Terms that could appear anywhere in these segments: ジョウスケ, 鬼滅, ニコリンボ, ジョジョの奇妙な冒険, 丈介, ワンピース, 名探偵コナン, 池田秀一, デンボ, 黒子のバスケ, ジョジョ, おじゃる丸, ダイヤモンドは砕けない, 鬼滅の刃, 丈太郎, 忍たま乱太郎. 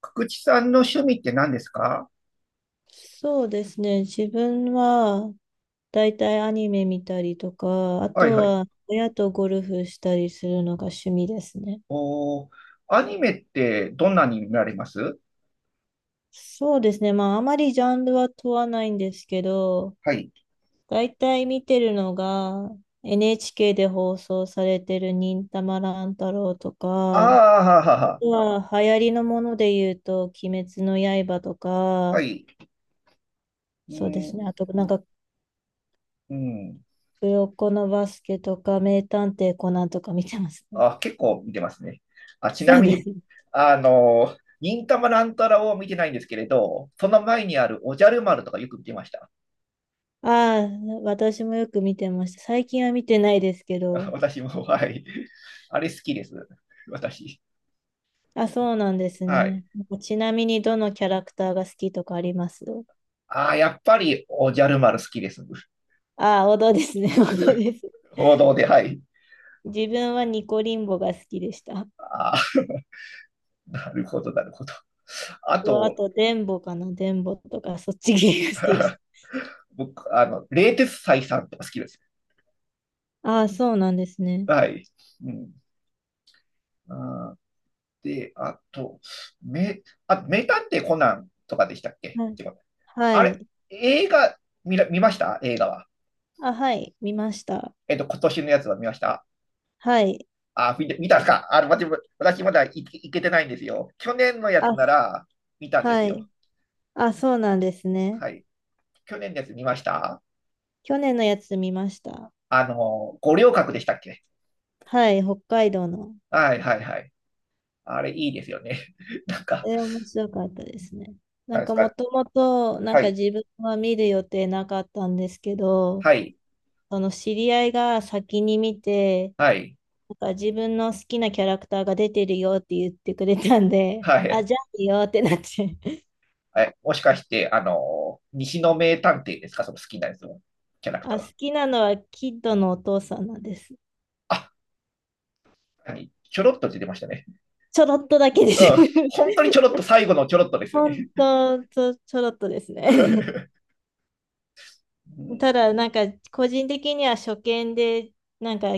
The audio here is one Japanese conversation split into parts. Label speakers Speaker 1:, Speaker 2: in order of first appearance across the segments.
Speaker 1: 福地さんの趣味って何ですか？
Speaker 2: そうですね。自分は、だいたいアニメ見たりとか、あ
Speaker 1: はい
Speaker 2: と
Speaker 1: はい。
Speaker 2: は親とゴルフしたりするのが趣味ですね。
Speaker 1: おー、アニメってどんなに見られます？
Speaker 2: そうですね。まあ、あまりジャンルは問わないんですけど、
Speaker 1: はい。
Speaker 2: だいたい見てるのが、NHK で放送されてる忍たま乱太郎と
Speaker 1: あ
Speaker 2: か、あ
Speaker 1: あ、ははは。
Speaker 2: とは流行りのもので言うと、鬼滅の刃と
Speaker 1: は
Speaker 2: か、
Speaker 1: い。う
Speaker 2: そうです
Speaker 1: ん、
Speaker 2: ね。あと、なんか、
Speaker 1: うん。
Speaker 2: 黒子のバスケとか、名探偵コナンとか見てますね。
Speaker 1: あ、結構見てますね。あ、ち
Speaker 2: そ
Speaker 1: な
Speaker 2: う
Speaker 1: み
Speaker 2: で
Speaker 1: に、
Speaker 2: すね。
Speaker 1: 忍たま乱太郎を見てないんですけれど、その前にあるおじゃる丸とかよく見てました。
Speaker 2: ああ、私もよく見てました。最近は見てないですけ ど。
Speaker 1: 私も、はい。あれ好きです、私。
Speaker 2: あ、そうなんです
Speaker 1: はい。
Speaker 2: ね。ちなみにどのキャラクターが好きとかあります？
Speaker 1: ああ、やっぱりおじゃる丸好きです。
Speaker 2: ああ、王道ですね。王道です。
Speaker 1: 王道で、はい。
Speaker 2: 自分はニコリンボが好きでした。
Speaker 1: ああ、なるほど、なるほど。あ
Speaker 2: あ
Speaker 1: と、
Speaker 2: と、デンボかな。デンボとか、そっち系が好きでし
Speaker 1: 僕、冷徹斎さんとか好きです。
Speaker 2: た。ああ、そうなんですね。
Speaker 1: はい。うん。あ、で、あと、あ、名探偵コナンとかでしたっけ
Speaker 2: は
Speaker 1: っ
Speaker 2: い。
Speaker 1: てこと？
Speaker 2: は
Speaker 1: あれ、
Speaker 2: い。
Speaker 1: 映画見ました映画は？
Speaker 2: あ、はい。見ました。
Speaker 1: 今年のやつは見ました？
Speaker 2: はい。
Speaker 1: あ、見て見たんですか？私まだ行けてないんですよ。去年のやつ
Speaker 2: あ、
Speaker 1: なら見たんです
Speaker 2: はい。
Speaker 1: よ。
Speaker 2: あ、そうなんですね。
Speaker 1: はい。去年のやつ見ました？
Speaker 2: 去年のやつ見ました。
Speaker 1: あの、五稜郭でしたっけ？
Speaker 2: はい。北海道の。
Speaker 1: はいはいはい。あれいいですよね。なんか、
Speaker 2: 面白かったですね。な
Speaker 1: 何
Speaker 2: ん
Speaker 1: です
Speaker 2: かも
Speaker 1: か？
Speaker 2: ともと、な
Speaker 1: は
Speaker 2: んか
Speaker 1: い、
Speaker 2: 自分は見る予定なかったんですけど、
Speaker 1: はい、
Speaker 2: その知り合いが先に見て、
Speaker 1: はい、
Speaker 2: なんか自分の好きなキャラクターが出てるよって言ってくれたんで、
Speaker 1: は
Speaker 2: あ、
Speaker 1: い。
Speaker 2: じゃあいいよってなって。
Speaker 1: はい、もしかして、あの西の名探偵ですか、その好きなやつのキャラクター
Speaker 2: あ、
Speaker 1: は？
Speaker 2: 好きなのはキッドのお父さんなんです。
Speaker 1: あ、何ちょろっと出てましたね。
Speaker 2: ちょろっとだけで
Speaker 1: う
Speaker 2: す。
Speaker 1: ん。本当にちょろっと、最後のちょろっとですよね。
Speaker 2: 本当、ちょろっとですね。
Speaker 1: うん。
Speaker 2: ただ、なんか、個人的には初見で、なんか、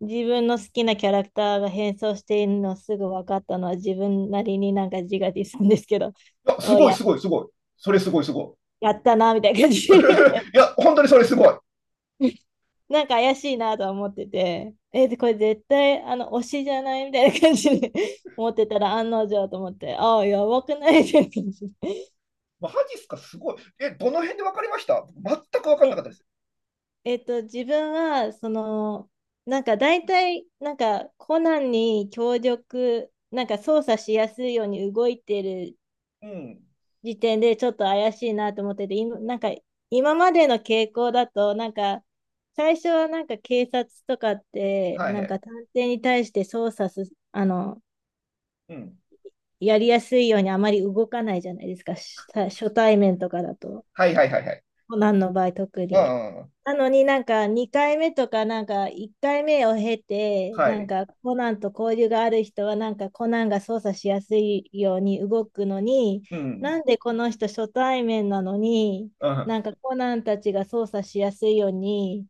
Speaker 2: 自分の好きなキャラクターが変装しているのすぐ分かったのは、自分なりになんか自画自賛ですけど、
Speaker 1: あ す
Speaker 2: お
Speaker 1: ごい、
Speaker 2: や、
Speaker 1: すごい、すごい。それすごい、すご
Speaker 2: やったな、みたいな
Speaker 1: い。
Speaker 2: 感じ。
Speaker 1: いや、本当にそれすごい。
Speaker 2: なんか怪しいなとは思ってて、でこれ絶対、推しじゃないみたいな感じで 思ってたら、案の定と思って、ああ、やばくないみたいな感じで。
Speaker 1: マジっすか、すごい。え、どの辺で分かりました？全く分かんなかっ
Speaker 2: え、
Speaker 1: たです。
Speaker 2: 自分は、その、なんか大体、なんかコナンに協力、なんか操作しやすいように動いてる
Speaker 1: うん。
Speaker 2: 時点でちょっと怪しいなと思ってて、今なんか今までの傾向だと、なんか最初はなんか警察とかって、
Speaker 1: はい
Speaker 2: な
Speaker 1: は
Speaker 2: ん
Speaker 1: い。
Speaker 2: か探偵に対して操作す、あの、
Speaker 1: うん。
Speaker 2: やりやすいようにあまり動かないじゃないですか、し初対面とかだと、
Speaker 1: はいはいはいはい。
Speaker 2: コナンの場合特
Speaker 1: う
Speaker 2: に。
Speaker 1: んうんうん。
Speaker 2: なのになんか2回目とかなんか1回目を経て
Speaker 1: は
Speaker 2: なん
Speaker 1: い。
Speaker 2: かコナンと交流がある人はなんかコナンが操作しやすいように動くのに
Speaker 1: うん。
Speaker 2: なんでこの人初対面なのに
Speaker 1: うん。
Speaker 2: なんかコナンたちが操作しやすいように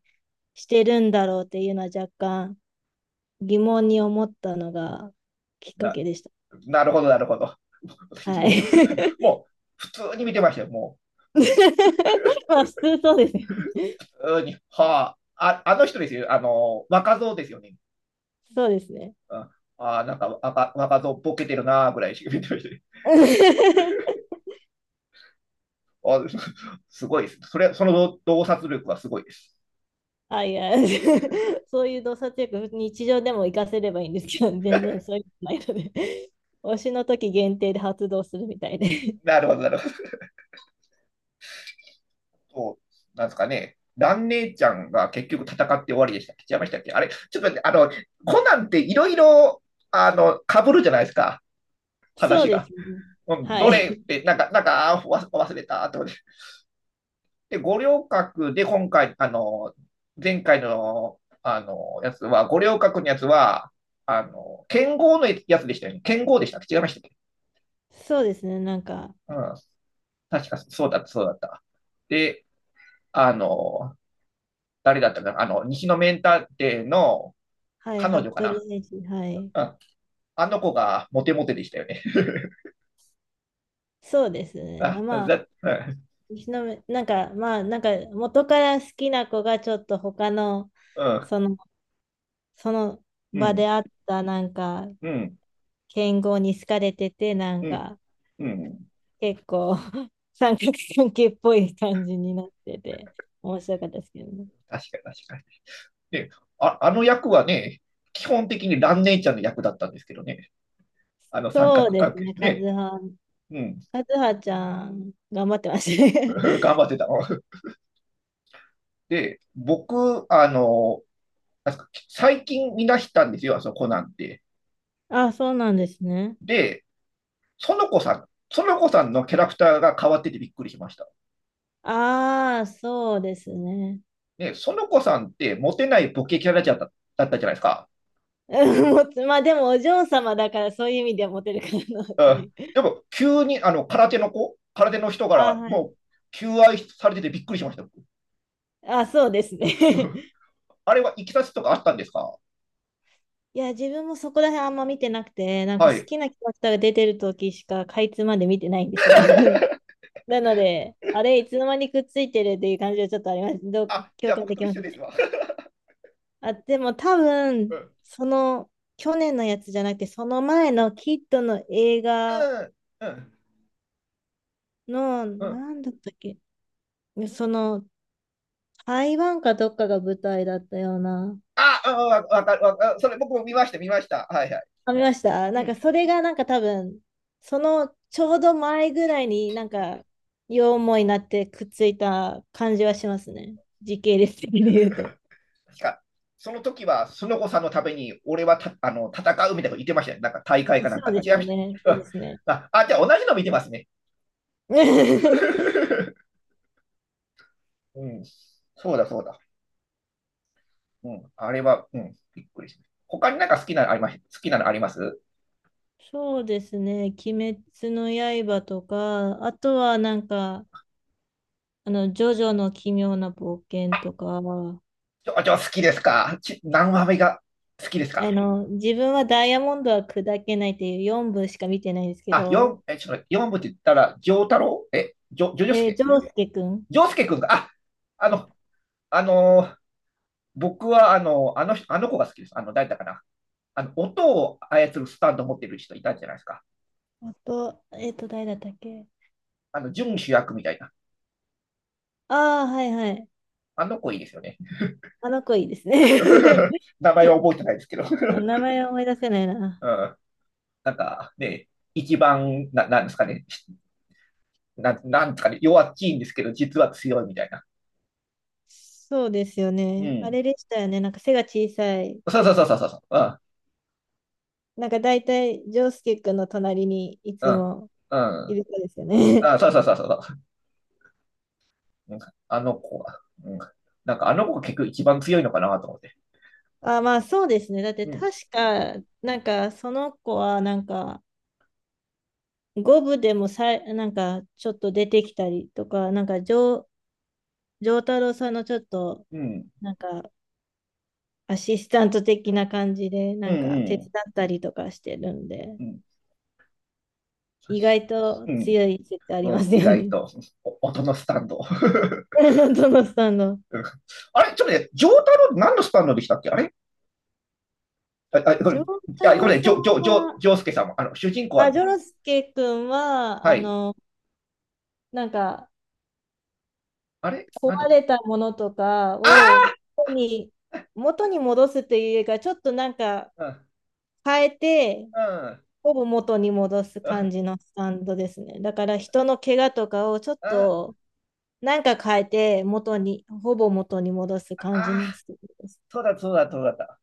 Speaker 2: してるんだろうっていうのは若干疑問に思ったのがきっか
Speaker 1: な、
Speaker 2: けでした。
Speaker 1: なるほど、なるほど。
Speaker 2: は
Speaker 1: も
Speaker 2: い。
Speaker 1: う、もう、普通に見てましたよ。も
Speaker 2: まあ普通そうですよね。
Speaker 1: う、普通に。はあ、あ、あの人ですよ。あの、若造ですよね。
Speaker 2: そうですね。
Speaker 1: うん、ああ、なんか若造ボケてるな、ぐらいしか 見てましたね。あ すごいです。それ、その洞察力はすごいです。
Speaker 2: あ、いや、そういう洞察力、日常でも活かせればいいんですけど、全然そういうのないので、推しの時限定で発動するみたいで。
Speaker 1: なるほど、なるほど。そうなんですかね。蘭姉ちゃんが結局戦って終わりでした。違いましたっけ？あれ、ちょっと待って、あの、コナンっていろいろ、あの、被るじゃないですか、
Speaker 2: そう
Speaker 1: 話
Speaker 2: で
Speaker 1: が。
Speaker 2: すね。は
Speaker 1: どれ
Speaker 2: い。
Speaker 1: って、なんか、なんか、忘れた、と。で、五稜郭で今回、あの、前回の、あの、やつは、五稜郭のやつは、あの、剣豪のやつでしたよね。剣豪でしたっけ、違いましたっけ？
Speaker 2: そうですね。なんか、
Speaker 1: うん。確かそうだった、そうだった。で、あの、誰だったかな、あの、西のメンターの
Speaker 2: はい、
Speaker 1: 彼女か
Speaker 2: 服部
Speaker 1: な。
Speaker 2: 選手、はい。
Speaker 1: うん。あの子がモテモテでしたよね。
Speaker 2: そうです ね。あ、
Speaker 1: あ、
Speaker 2: まあ、
Speaker 1: だ、
Speaker 2: 石の宮なんか、まあ、なんか、元から好きな子がちょっと他の、
Speaker 1: うん、
Speaker 2: その、その
Speaker 1: う
Speaker 2: 場で
Speaker 1: ん、
Speaker 2: あった、なんか、
Speaker 1: うん、
Speaker 2: 剣豪に好かれてて、なん
Speaker 1: うん、
Speaker 2: か、
Speaker 1: うん。
Speaker 2: 結構 三角関係っぽい感じになってて、面白かったですけどね。
Speaker 1: 確かに確かに。ね、ああの役はね、基本的にラネ姉ちゃんの役だったんですけどね、あの三
Speaker 2: そう
Speaker 1: 角
Speaker 2: で
Speaker 1: 関
Speaker 2: す
Speaker 1: 係で
Speaker 2: ね、
Speaker 1: す
Speaker 2: カズ
Speaker 1: ね。
Speaker 2: ハ、
Speaker 1: うん、
Speaker 2: カズハちゃん、頑張ってましたね。
Speaker 1: 頑張ってたの。で、僕、あの、最近見出したんですよ、あそこなんて。
Speaker 2: あ、そうなんですね。
Speaker 1: で、園子さん、園子さんのキャラクターが変わっててびっくりしました。
Speaker 2: ああ、そうですね。
Speaker 1: ね、園子さんってモテないボケキャラだっただったじゃないですか。
Speaker 2: うんもつまあでもお嬢様だからそういう意味ではモテるかなっ
Speaker 1: う
Speaker 2: てい
Speaker 1: ん、
Speaker 2: う。
Speaker 1: でも、急にあの空手の子、空手の人か
Speaker 2: あー、
Speaker 1: ら
Speaker 2: は
Speaker 1: も
Speaker 2: い。
Speaker 1: う求愛されててびっくりしました。
Speaker 2: あ、そうですね。
Speaker 1: あれはいきさつとかあったんですか？
Speaker 2: いや、自分もそこら辺あんま見てなくて、なんか
Speaker 1: は
Speaker 2: 好
Speaker 1: い。
Speaker 2: きなキャラクターが出てる時しかかいつまで見てないんですよね。なので、あれ、いつの間にくっついてるっていう感じはちょっとあります。どう
Speaker 1: あ、じゃ
Speaker 2: 共
Speaker 1: あ
Speaker 2: 感
Speaker 1: 僕
Speaker 2: で
Speaker 1: と
Speaker 2: きま
Speaker 1: 一
Speaker 2: す
Speaker 1: 緒です
Speaker 2: ね。
Speaker 1: わ。
Speaker 2: あ、でも多
Speaker 1: う
Speaker 2: 分、
Speaker 1: ん。
Speaker 2: その、去年のやつじゃなくて、その前のキッドの映画
Speaker 1: うん。うん。
Speaker 2: の、
Speaker 1: う
Speaker 2: な
Speaker 1: ん、
Speaker 2: んだったっけ、その、台湾かどっかが舞台だったような。
Speaker 1: あ、うん、わかる、わかる。それ僕も見ました、見ました。はいはい。
Speaker 2: あ、見ました
Speaker 1: う
Speaker 2: なん
Speaker 1: ん。
Speaker 2: か、それがなんか多分、その、ちょうど前ぐらいになんか、両思いになってくっついた感じはしますね。時系列的に言うと。
Speaker 1: 確か、その時は、スノコさんのために、俺はたあの戦うみたいなこと言ってましたね。なんか大会かなん
Speaker 2: そう
Speaker 1: か。
Speaker 2: で
Speaker 1: 違い
Speaker 2: す
Speaker 1: ま
Speaker 2: よ
Speaker 1: し
Speaker 2: ね。そ
Speaker 1: た、ね。
Speaker 2: う
Speaker 1: う
Speaker 2: で
Speaker 1: ん。
Speaker 2: すね。
Speaker 1: あ、あ、じゃあ同じの見てますね。うん。そうだ、そうだ。うん。あれは、うん、びっくりしました。他になんか好きなのあります？好きなのあります？
Speaker 2: そうですね。鬼滅の刃とか、あとはなんか、あの、ジョジョの奇妙な冒険とか、
Speaker 1: ちょ、ちょ、じゃあ好きですか、何話目が好きです
Speaker 2: あ
Speaker 1: か？
Speaker 2: の、自分はダイヤモンドは砕けないっていう4部しか見てないんですけ
Speaker 1: あ、
Speaker 2: ど、
Speaker 1: え、ちょっと待って四部って言ったら、丈太郎、え、
Speaker 2: ジョウスケくん。
Speaker 1: ジョスケくんが、あ、あの、あのー僕は、あの、あの人、あの子が好きです。あの、誰だかな。あの、音を操るスタンド持ってる人いたんじゃないですか。
Speaker 2: あと、誰だったっけ？
Speaker 1: あの、準主役みたいな。
Speaker 2: ああー、はいはい。
Speaker 1: あの子いいですよね。
Speaker 2: あの子いいですね。
Speaker 1: 名前は覚えてないですけど。
Speaker 2: 名前思い出せないな。
Speaker 1: うん。なんか、ね、一番、な、なんですかね。なんですかね。弱っちいんですけど、実は強いみたいな。
Speaker 2: そうですよ
Speaker 1: う
Speaker 2: ね。あ
Speaker 1: ん。
Speaker 2: れでしたよね。なんか背が小さい。
Speaker 1: そうそうそうそうそう。
Speaker 2: なんか大体、ジョウスケくんの隣にい
Speaker 1: う
Speaker 2: つ
Speaker 1: ん。
Speaker 2: も
Speaker 1: うん。う
Speaker 2: い
Speaker 1: ん。
Speaker 2: る子ですよね。
Speaker 1: あ、そうそうそうそう。うん。あの子は、うん、なんかあの子が結局一番強いのかなと思って。
Speaker 2: あ、まあそうですね。だって
Speaker 1: うん、
Speaker 2: 確か、なんかその子はなんか五部でもなんかちょっと出てきたりとか、なんか丈太郎さんのちょっと
Speaker 1: うん、
Speaker 2: なんかアシスタント的な感じで
Speaker 1: う
Speaker 2: な
Speaker 1: ん、
Speaker 2: んか手
Speaker 1: う
Speaker 2: 伝
Speaker 1: ん、
Speaker 2: ったりとかしてるんで、
Speaker 1: うん、
Speaker 2: 意外と強い説あ
Speaker 1: う
Speaker 2: り
Speaker 1: ん、
Speaker 2: ま
Speaker 1: うん、
Speaker 2: す
Speaker 1: 意
Speaker 2: よ
Speaker 1: 外
Speaker 2: ね。
Speaker 1: と、お音のスタンド。
Speaker 2: どのさんの。
Speaker 1: うん。あれ、ちょっとね、ジョータロウ何のスタンドでしたっけ？あれ、あ、あこれ、
Speaker 2: 丈
Speaker 1: い
Speaker 2: 太
Speaker 1: や、こ
Speaker 2: 郎
Speaker 1: れ、
Speaker 2: さんは、
Speaker 1: ジョースケさんも、あの、主人公は、
Speaker 2: 丈介くんは、
Speaker 1: は
Speaker 2: あ
Speaker 1: い。
Speaker 2: の、なんか
Speaker 1: あれ
Speaker 2: 壊
Speaker 1: なんだったっ
Speaker 2: れ
Speaker 1: け？
Speaker 2: たものとかを
Speaker 1: あ
Speaker 2: 元に、元に戻すというよりか、ちょっとなんか
Speaker 1: あ、う
Speaker 2: 変えて、
Speaker 1: ん、
Speaker 2: ほぼ元に戻す
Speaker 1: う
Speaker 2: 感
Speaker 1: ん、
Speaker 2: じのスタンドですね。だから人の怪我とかをちょっ
Speaker 1: あ
Speaker 2: となんか変えて、元に、ほぼ元に戻す感じ
Speaker 1: あ、
Speaker 2: のスタンドです。
Speaker 1: そうだ、そうだ、そうだった。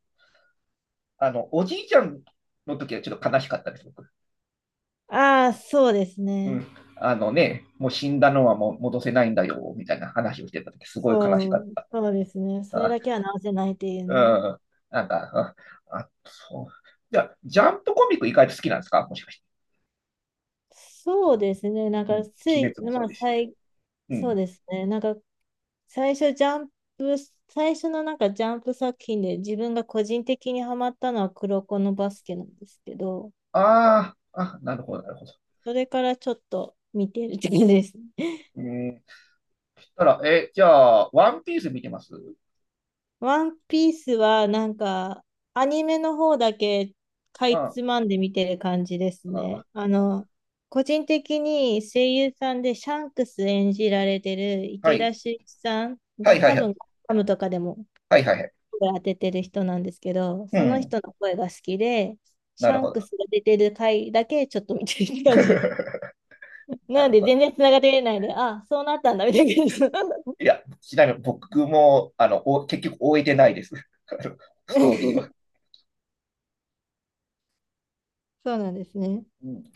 Speaker 1: あの、おじいちゃんの時はちょっと悲しかったです、僕。
Speaker 2: ああ、そうです
Speaker 1: う
Speaker 2: ね。
Speaker 1: ん。あのね、もう死んだのはもう戻せないんだよ、みたいな話をしてた時、すごい悲し
Speaker 2: そ
Speaker 1: かっ
Speaker 2: う、
Speaker 1: た。
Speaker 2: そうですね。それだけは直せないっていう
Speaker 1: あ、
Speaker 2: ね。
Speaker 1: うん。なんか、あ、あそう。じゃあ、ジャンプコミック意外と好きなんですか、もしかして？
Speaker 2: そうですね。なん
Speaker 1: うん。
Speaker 2: か
Speaker 1: 鬼
Speaker 2: つい、
Speaker 1: 滅もそ
Speaker 2: ま
Speaker 1: う
Speaker 2: あ、
Speaker 1: ですし。う
Speaker 2: そう
Speaker 1: ん。
Speaker 2: ですね。なんか最初ジャンプ、最初のなんかジャンプ作品で自分が個人的にハマったのは黒子のバスケなんですけど、
Speaker 1: ああ、あ、なるほど、なるほど。
Speaker 2: それからちょっと見てるって感じですね。
Speaker 1: うん。そしたら、え、じゃあ、ワンピース見てます？
Speaker 2: ワンピースはなんかアニメの方だけかい
Speaker 1: あ
Speaker 2: つまんで見てる感じです
Speaker 1: あ、
Speaker 2: ね。あの、個人的に声優さんでシャンクス演じられてる
Speaker 1: は
Speaker 2: 池
Speaker 1: い。
Speaker 2: 田秀一さん
Speaker 1: は
Speaker 2: が
Speaker 1: いはい
Speaker 2: 多
Speaker 1: はい。
Speaker 2: 分コムとかでも
Speaker 1: はいはいはい。
Speaker 2: 声当ててる人なんですけど、
Speaker 1: う
Speaker 2: その
Speaker 1: ん。
Speaker 2: 人の声が好きで、シ
Speaker 1: なる
Speaker 2: ャン
Speaker 1: ほ
Speaker 2: ク
Speaker 1: ど。
Speaker 2: スが出てる回だけちょっと見てる感じです。
Speaker 1: な
Speaker 2: なの
Speaker 1: る
Speaker 2: で
Speaker 1: ほ
Speaker 2: 全
Speaker 1: ど。
Speaker 2: 然つながってないで、あ、そうなったんだみたいな感じ。
Speaker 1: いや、ちなみに僕も、あの、お、結局終えてないです。あのストーリーは。
Speaker 2: そうなんですね。
Speaker 1: うん